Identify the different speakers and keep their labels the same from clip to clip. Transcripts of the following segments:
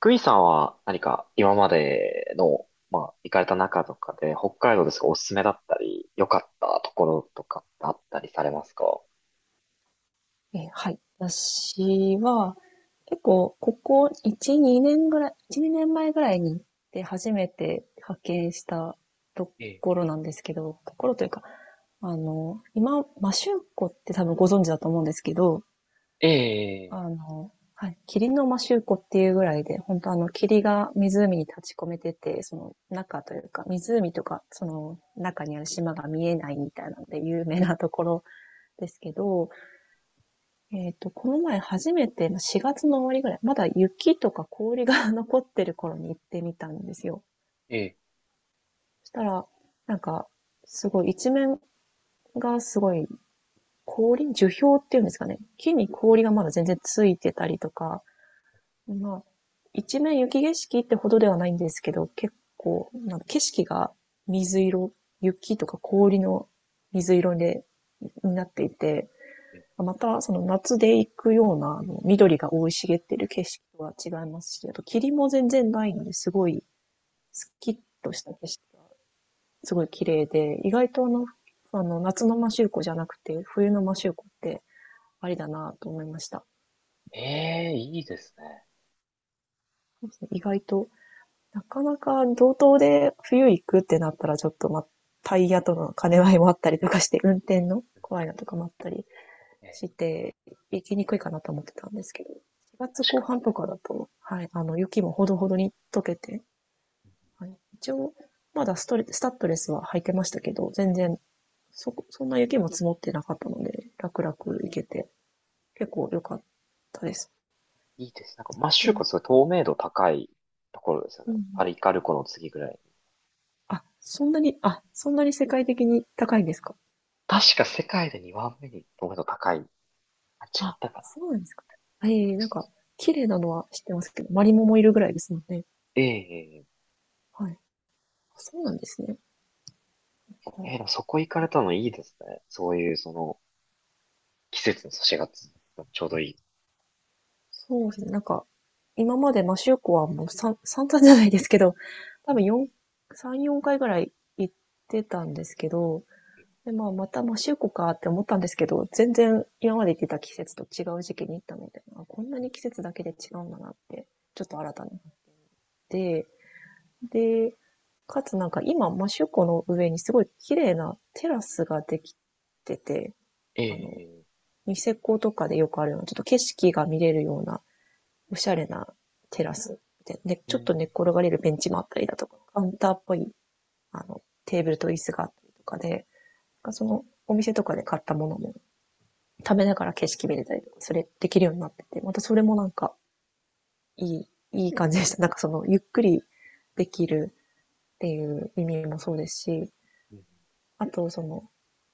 Speaker 1: クイさんは何か今までの、まあ、行かれた中とかで、北海道ですがおすすめだったり、良かったところとかってあったりされますか？
Speaker 2: はい。私は、結構、ここ1、2年ぐらい、1、2年前ぐらいに行って初めて派遣したと
Speaker 1: え
Speaker 2: ころなんですけど、ところというか、今、マシューコって多分ご存知だと思うんですけど、
Speaker 1: え、ええ、
Speaker 2: 霧のマシューコっていうぐらいで、本当、霧が湖に立ち込めてて、その中というか、湖とか、その中にある島が見えないみたいなので有名なところですけど、この前初めて、4月の終わりぐらい、まだ雪とか氷が 残ってる頃に行ってみたんですよ。
Speaker 1: ええ、
Speaker 2: そしたら、なんか、すごい一面が、すごい氷樹氷っていうんですかね。木に氷がまだ全然ついてたりとか、まあ、一面雪景色ってほどではないんですけど、結構、なんか景色が水色、雪とか氷の水色になっていて、また、その夏で行くような、緑が生い茂っている景色とは違いますし、あと霧も全然ないので、すごいスッキッとした景色、すごい綺麗で、意外と、夏の摩周湖じゃなくて、冬の摩周湖ってありだなと思いました。
Speaker 1: ええ、いいですね。
Speaker 2: 意外と、なかなか道東で冬行くってなったら、ちょっと、タイヤとの兼ね合いもあったりとかして、運転の怖いなとかもあったりして行きにくいかなと思ってたんですけど、4月後半とかだと、雪もほどほどに溶けて、はい、一応、まだストレスタッドレスは履いてましたけど、全然そんな雪も積もってなかったので、楽々行けて、結構良かったです。
Speaker 1: いいです。なんか、摩周
Speaker 2: で、
Speaker 1: 湖すごい透明度高いところですよね。
Speaker 2: うん。
Speaker 1: パリカル湖の次ぐらいに。
Speaker 2: あ、そんなに世界的に高いんですか？
Speaker 1: 確か世界で2番目に透明度高い。あ、違っ
Speaker 2: あ、
Speaker 1: たかな。
Speaker 2: そうなんですか。
Speaker 1: イメ
Speaker 2: え
Speaker 1: ー
Speaker 2: え、なん
Speaker 1: ジ、
Speaker 2: か綺麗なのは知ってますけど、マリモもいるぐらいですもんね。
Speaker 1: ええ、ええ、
Speaker 2: はい。あ、そうなんですね。なんか、
Speaker 1: ええ、でもそこ行かれたのいいですね。そういう、その、季節の差しがつ、ちょうどいい。
Speaker 2: そうですね。今までマシューコはもう散々じゃないですけど、多
Speaker 1: う
Speaker 2: 分
Speaker 1: ん、
Speaker 2: 4、3、4回ぐらい行ってたんですけど、で、まあ、またマシューコかって思ったんですけど、全然今まで行ってた季節と違う時期に行ったので、あ、こんなに季節だけで違うんだなってちょっと新たになって、で、かつなんか今、マシューコの上にすごい綺麗なテラスができてて、あの、
Speaker 1: ええ、
Speaker 2: ニセコとかでよくあるような、ちょっと景色が見れるようなおしゃれなテラスで、ね
Speaker 1: う
Speaker 2: ちょっと
Speaker 1: ん。
Speaker 2: 寝っ転がれるベンチもあったりだとか、カウンターっぽい、テーブルと椅子があったりとかで、その、お店とかで買ったものも食べながら景色見れたりとか、それできるようになってて、またそれもなんか、いい、いい感じでした。なんかその、ゆっくりできるっていう意味もそうですし、
Speaker 1: うん。
Speaker 2: あとその、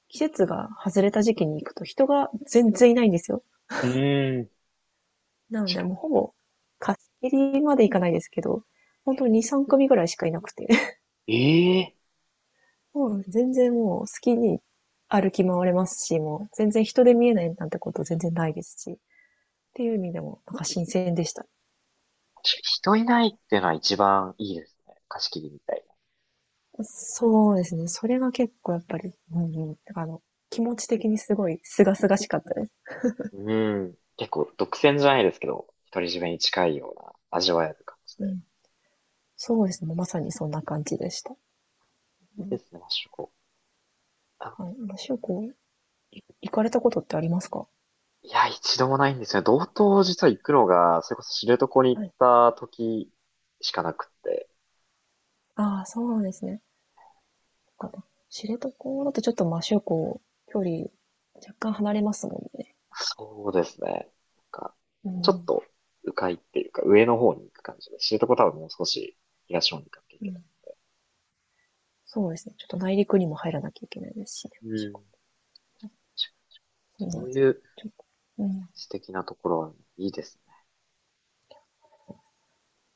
Speaker 2: 季節が外れた時期に行くと人が全然いないんですよ。
Speaker 1: うーん。
Speaker 2: なの
Speaker 1: 確
Speaker 2: で
Speaker 1: か
Speaker 2: もうほぼ貸し切りまでいかないですけど、本当に2、3組ぐらいしかいなくて、
Speaker 1: に。ええ、
Speaker 2: そう、全然もう好きに歩き回れますし、もう全然人で見えないなんてこと全然ないですし、っていう意味でもなんか新鮮でした。
Speaker 1: 確かに人いないっていうのは一番いいですね。貸し切りみたい
Speaker 2: そうですね。それが結構やっぱり、うんうん。だから、気持ち的にすごい清々しかったです。
Speaker 1: な。うん。結構独占じゃないですけど、独り占めに近いような味わえる感じ
Speaker 2: う
Speaker 1: で。
Speaker 2: ん。そうですね。まさにそんな感じでした。
Speaker 1: い
Speaker 2: う
Speaker 1: いで
Speaker 2: ん。
Speaker 1: すね、マッシュコ。あ、
Speaker 2: はい。しゅうこ、い行かれたことってありますか？
Speaker 1: いや、一度もないんですよね。道東実は行くのが、それこそ知床に行っ
Speaker 2: はい。
Speaker 1: た時しかなくって。
Speaker 2: ああ、そうですね。そっかな。知床だとちょっと、しゅうこ、距離若干離れますもんね。
Speaker 1: そうですね。なんか、
Speaker 2: う
Speaker 1: ちょっ
Speaker 2: ん。
Speaker 1: と、迂回っていうか、上の方に行く感じで、知床多分もう少し東の方に行かなきゃい
Speaker 2: う
Speaker 1: けない。
Speaker 2: ん、そうですね。ちょっと内陸にも入らなきゃいけないですしね。
Speaker 1: うん。
Speaker 2: うん。ちょ
Speaker 1: そ
Speaker 2: っ
Speaker 1: ういう
Speaker 2: と、うん。
Speaker 1: 素敵なところはいいですね。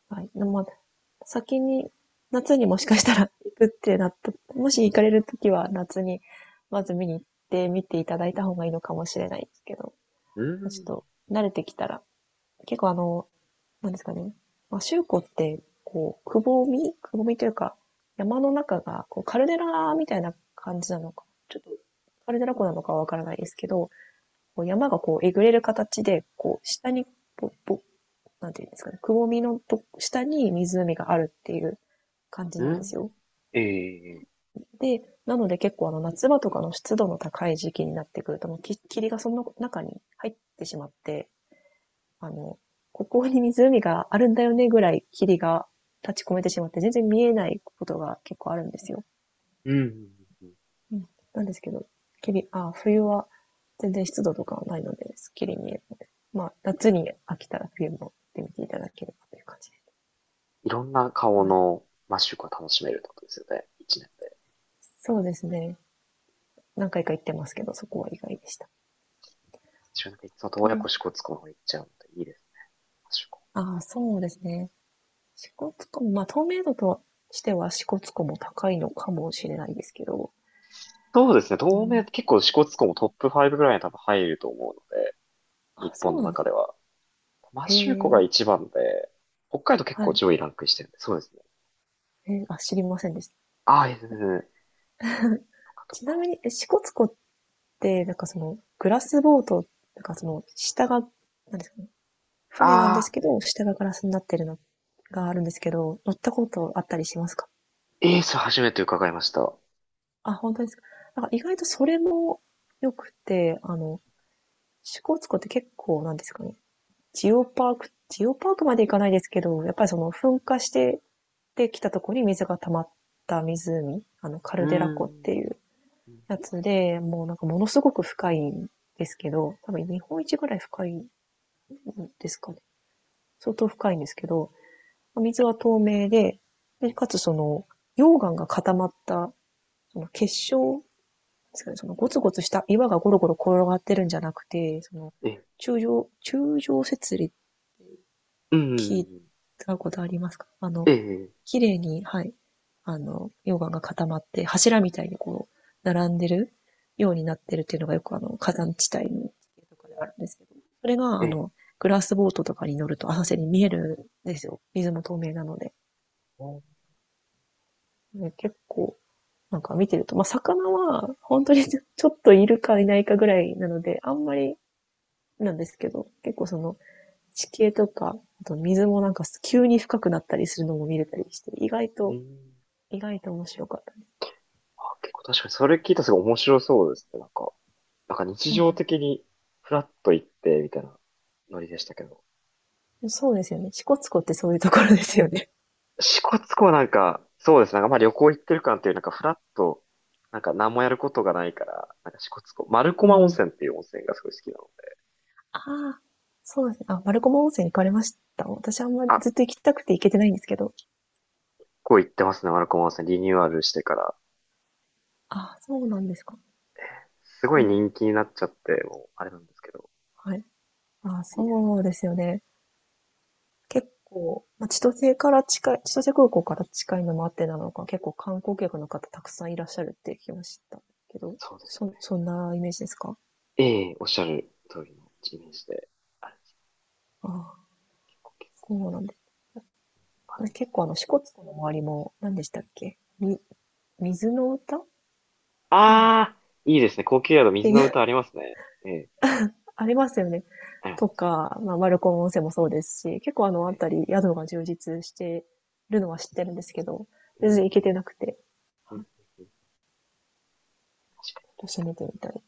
Speaker 2: はい。でもまあ、先に、夏にもしかしたら行くってなった、もし行かれるときは夏に、まず見に行って見ていただいた方がいいのかもしれないですけど、
Speaker 1: う
Speaker 2: ちょっ
Speaker 1: ん。
Speaker 2: と慣れてきたら、結構、なんですかね。まあ、周湖って、こう、くぼみというか、山の中が、こう、カルデラみたいな感じなのか、ちょっと、カルデラ湖なのかはわからないですけど、こう山がこうえぐれる形で、こう下に、ぼ、ぼ、なんていうんですかね、くぼみのと下に湖があるっていう感じなんで
Speaker 1: う
Speaker 2: すよ。
Speaker 1: ん。ええ、
Speaker 2: なので結構あの夏場とかの湿度の高い時期になってくると、もう霧がその中に入ってしまって、あの、ここに湖があるんだよねぐらい霧が立ち込めてしまって全然見えないことが結構あるんですよ。
Speaker 1: うん。
Speaker 2: うん、なんですけど、きり、あ、冬は全然湿度とかはないので、すっきり見えるので、まあ、夏に飽きたら冬も行ってみていただければという感じです。
Speaker 1: いろんな顔
Speaker 2: はい。
Speaker 1: のマッシュが楽しめるってことですよね。一年で。
Speaker 2: そうですね。何回か行ってますけど、そこは意外でした。
Speaker 1: 一年でいつも洞爺湖
Speaker 2: と、
Speaker 1: 支笏湖の方行っちゃうのでいいですね、マッシュ湖。
Speaker 2: ああ、そうですね。支笏湖も、まあ、透明度としては支笏湖も高いのかもしれないですけど、
Speaker 1: そうですね。
Speaker 2: う
Speaker 1: 東名、
Speaker 2: ん、
Speaker 1: 結構支笏湖もトップ5ぐらいに多分入ると思うので、日
Speaker 2: あ、そ
Speaker 1: 本の
Speaker 2: うなんで
Speaker 1: 中で
Speaker 2: す。
Speaker 1: は。マ
Speaker 2: へ
Speaker 1: シューコが
Speaker 2: え、
Speaker 1: 一番で、北海道結
Speaker 2: は
Speaker 1: 構
Speaker 2: い。
Speaker 1: 上位ランクしてるんで、そうですね。
Speaker 2: あ、知りませんでし
Speaker 1: ああ、いいですね。
Speaker 2: た。
Speaker 1: とかと
Speaker 2: ちな
Speaker 1: か。
Speaker 2: みに、え支笏湖っで、なんかその、グラスボート、なんかその、下が、なんですかね、船なんで
Speaker 1: あ
Speaker 2: す
Speaker 1: あ、
Speaker 2: けど、下がガラスになってるのがあるんですけど、乗ったことあったりしますか？
Speaker 1: エース初めて伺いました。う
Speaker 2: あ、本当ですか。なんか意外とそれも良くて、支笏湖って結構なんですかね、ジオパークまで行かないですけど、やっぱりその噴火してできたところに水が溜まった湖、あの、カ
Speaker 1: ー
Speaker 2: ルデラ湖って
Speaker 1: ん。
Speaker 2: いう
Speaker 1: うん、
Speaker 2: やつで、もうなんかものすごく深いんですけど、多分日本一ぐらい深いんですかね、相当深いんですけど、水は透明で、で、
Speaker 1: え
Speaker 2: かつその、溶岩が固まった、その結晶ですかね、そのゴツゴツした岩がゴロゴロ転がってるんじゃなくて、その、
Speaker 1: え、
Speaker 2: 中上節理
Speaker 1: う
Speaker 2: 聞い
Speaker 1: ん。
Speaker 2: たことありますか？あの、
Speaker 1: ええ、
Speaker 2: 綺麗に、はい、あの、溶岩が固まって、柱みたいにこう、並んでるようになってるっていうのがよくあの、火山地帯の地形とかであるんですけど、それが
Speaker 1: え
Speaker 2: あ
Speaker 1: え。
Speaker 2: の、グラスボートとかに乗ると浅瀬に見えるんですよ。水も透明なので。ね結構、なんか見てると、まあ、魚は、本当に ちょちょっといるかいないかぐらいなので、あんまりなんですけど、結構その、地形とか、あと水もなんか急に深くなったりするのも見れたりして、意外
Speaker 1: う
Speaker 2: と、
Speaker 1: ん。
Speaker 2: 意外と面白かった。
Speaker 1: あ、結構確かにそれ聞いたらすごい面白そうですね。なんか、なんか日
Speaker 2: なん
Speaker 1: 常
Speaker 2: か、
Speaker 1: 的にフラッと行って、みたいなノリでしたけど。
Speaker 2: そうですよね。支笏湖ってそういうところですよね。
Speaker 1: 支笏湖はなんか、そうですね。なんかまあ旅行行ってる感っていう、なんかフラッと、なんか何もやることがないから、なんか支笏湖、丸
Speaker 2: う
Speaker 1: 駒温
Speaker 2: ん。
Speaker 1: 泉っていう温泉がすごい好きなので。
Speaker 2: ああ、そうですね。あ、マルコマ温泉行かれました？私あんまり
Speaker 1: あ、
Speaker 2: ずっと行きたくて行けてないんですけど。
Speaker 1: こう行ってますね、丸駒温泉。リニューアルしてから。
Speaker 2: あ、そうなんですか。
Speaker 1: すごい
Speaker 2: で、
Speaker 1: 人気になっちゃって、もう、あれなんですけど。
Speaker 2: はい。あ、
Speaker 1: いいです。
Speaker 2: そうですよね。結構、千歳空港から近いのもあってなのか、結構観光客の方たくさんいらっしゃるって聞きましたけど、
Speaker 1: そうです。
Speaker 2: そんなイメージですか？
Speaker 1: ええ、おっしゃる通りのイメージで。あれです、
Speaker 2: ああ、
Speaker 1: 高級、
Speaker 2: そうなんで
Speaker 1: あで
Speaker 2: す。
Speaker 1: も、
Speaker 2: 結構あの、支笏湖の周りも、何でしたっけ、水の歌なんです
Speaker 1: あー、いいですね。高級宿、
Speaker 2: って
Speaker 1: 水
Speaker 2: い
Speaker 1: の
Speaker 2: う
Speaker 1: 歌ありますね。ええ、
Speaker 2: ありますよね。
Speaker 1: ありますあ
Speaker 2: と
Speaker 1: ります。
Speaker 2: か、まあ、丸子温泉もそうですし、結構あの
Speaker 1: ええ、
Speaker 2: 辺り、宿が充実してるのは知ってるんですけど、
Speaker 1: う
Speaker 2: 全
Speaker 1: ん、
Speaker 2: 然行けてなくて、
Speaker 1: うん、うん、うん、確か
Speaker 2: ちょっ
Speaker 1: に、
Speaker 2: と
Speaker 1: 確
Speaker 2: 攻
Speaker 1: か
Speaker 2: めて
Speaker 1: に。
Speaker 2: みたい。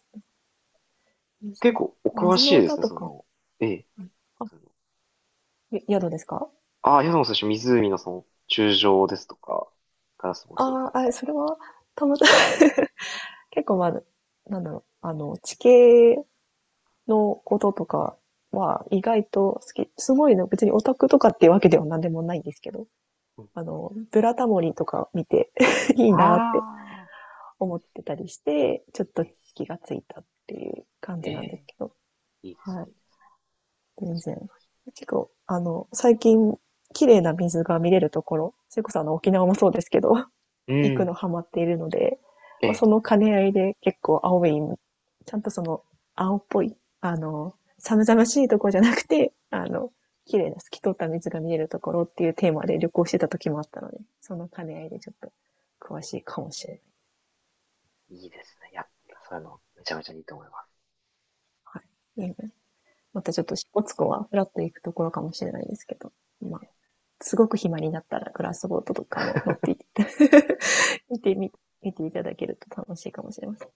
Speaker 2: 水
Speaker 1: 結
Speaker 2: の、
Speaker 1: 構、お詳
Speaker 2: 水
Speaker 1: し
Speaker 2: の
Speaker 1: いで
Speaker 2: 歌
Speaker 1: すね、
Speaker 2: と
Speaker 1: そ
Speaker 2: か、
Speaker 1: の、ええ、
Speaker 2: あ、
Speaker 1: その、
Speaker 2: ゆ宿ですか？
Speaker 1: ああ、宿の最初、湖のその、柱状ですとか、ガラスボトです
Speaker 2: あ
Speaker 1: と
Speaker 2: あ、あ、
Speaker 1: か。
Speaker 2: それは、たまたま 結構まあ、なんだろう、あの、地形のこととかは意外と好き。すごいね、別にオタクとかっていうわけでは何でもないんですけど、
Speaker 1: うん、
Speaker 2: あの、ブラタモリとか見て いいなって
Speaker 1: ああ、いい
Speaker 2: 思
Speaker 1: で
Speaker 2: って
Speaker 1: す
Speaker 2: たりして、ちょっと
Speaker 1: ね。
Speaker 2: 気がついたっていう感
Speaker 1: え
Speaker 2: じなんです
Speaker 1: え、
Speaker 2: けど、
Speaker 1: いいです
Speaker 2: はい。
Speaker 1: ね、いいですね。
Speaker 2: 全然。結構、あの、最近、綺麗な水が見れるところ、それこそあの、沖縄もそうですけど、
Speaker 1: う
Speaker 2: 行くの
Speaker 1: ん、
Speaker 2: ハマっているので、
Speaker 1: え
Speaker 2: まあ、そ
Speaker 1: え、
Speaker 2: の兼ね合いで結構青い、ちゃんとその、青っぽい、あの、寒々しいところじゃなくて、あの、綺麗な透き通った水が見えるところっていうテーマで旅行してた時もあったので、その兼ね合いでちょっと詳しいかもしれない。
Speaker 1: いいですね。いや、そういうの、めちゃめちゃいいと思います。
Speaker 2: はい。またちょっと、支笏湖はフラッと行くところかもしれないですけど、まあ、すごく暇になったらグラスボートとかも乗っていって、見てみ、見ていただけると楽しいかもしれません。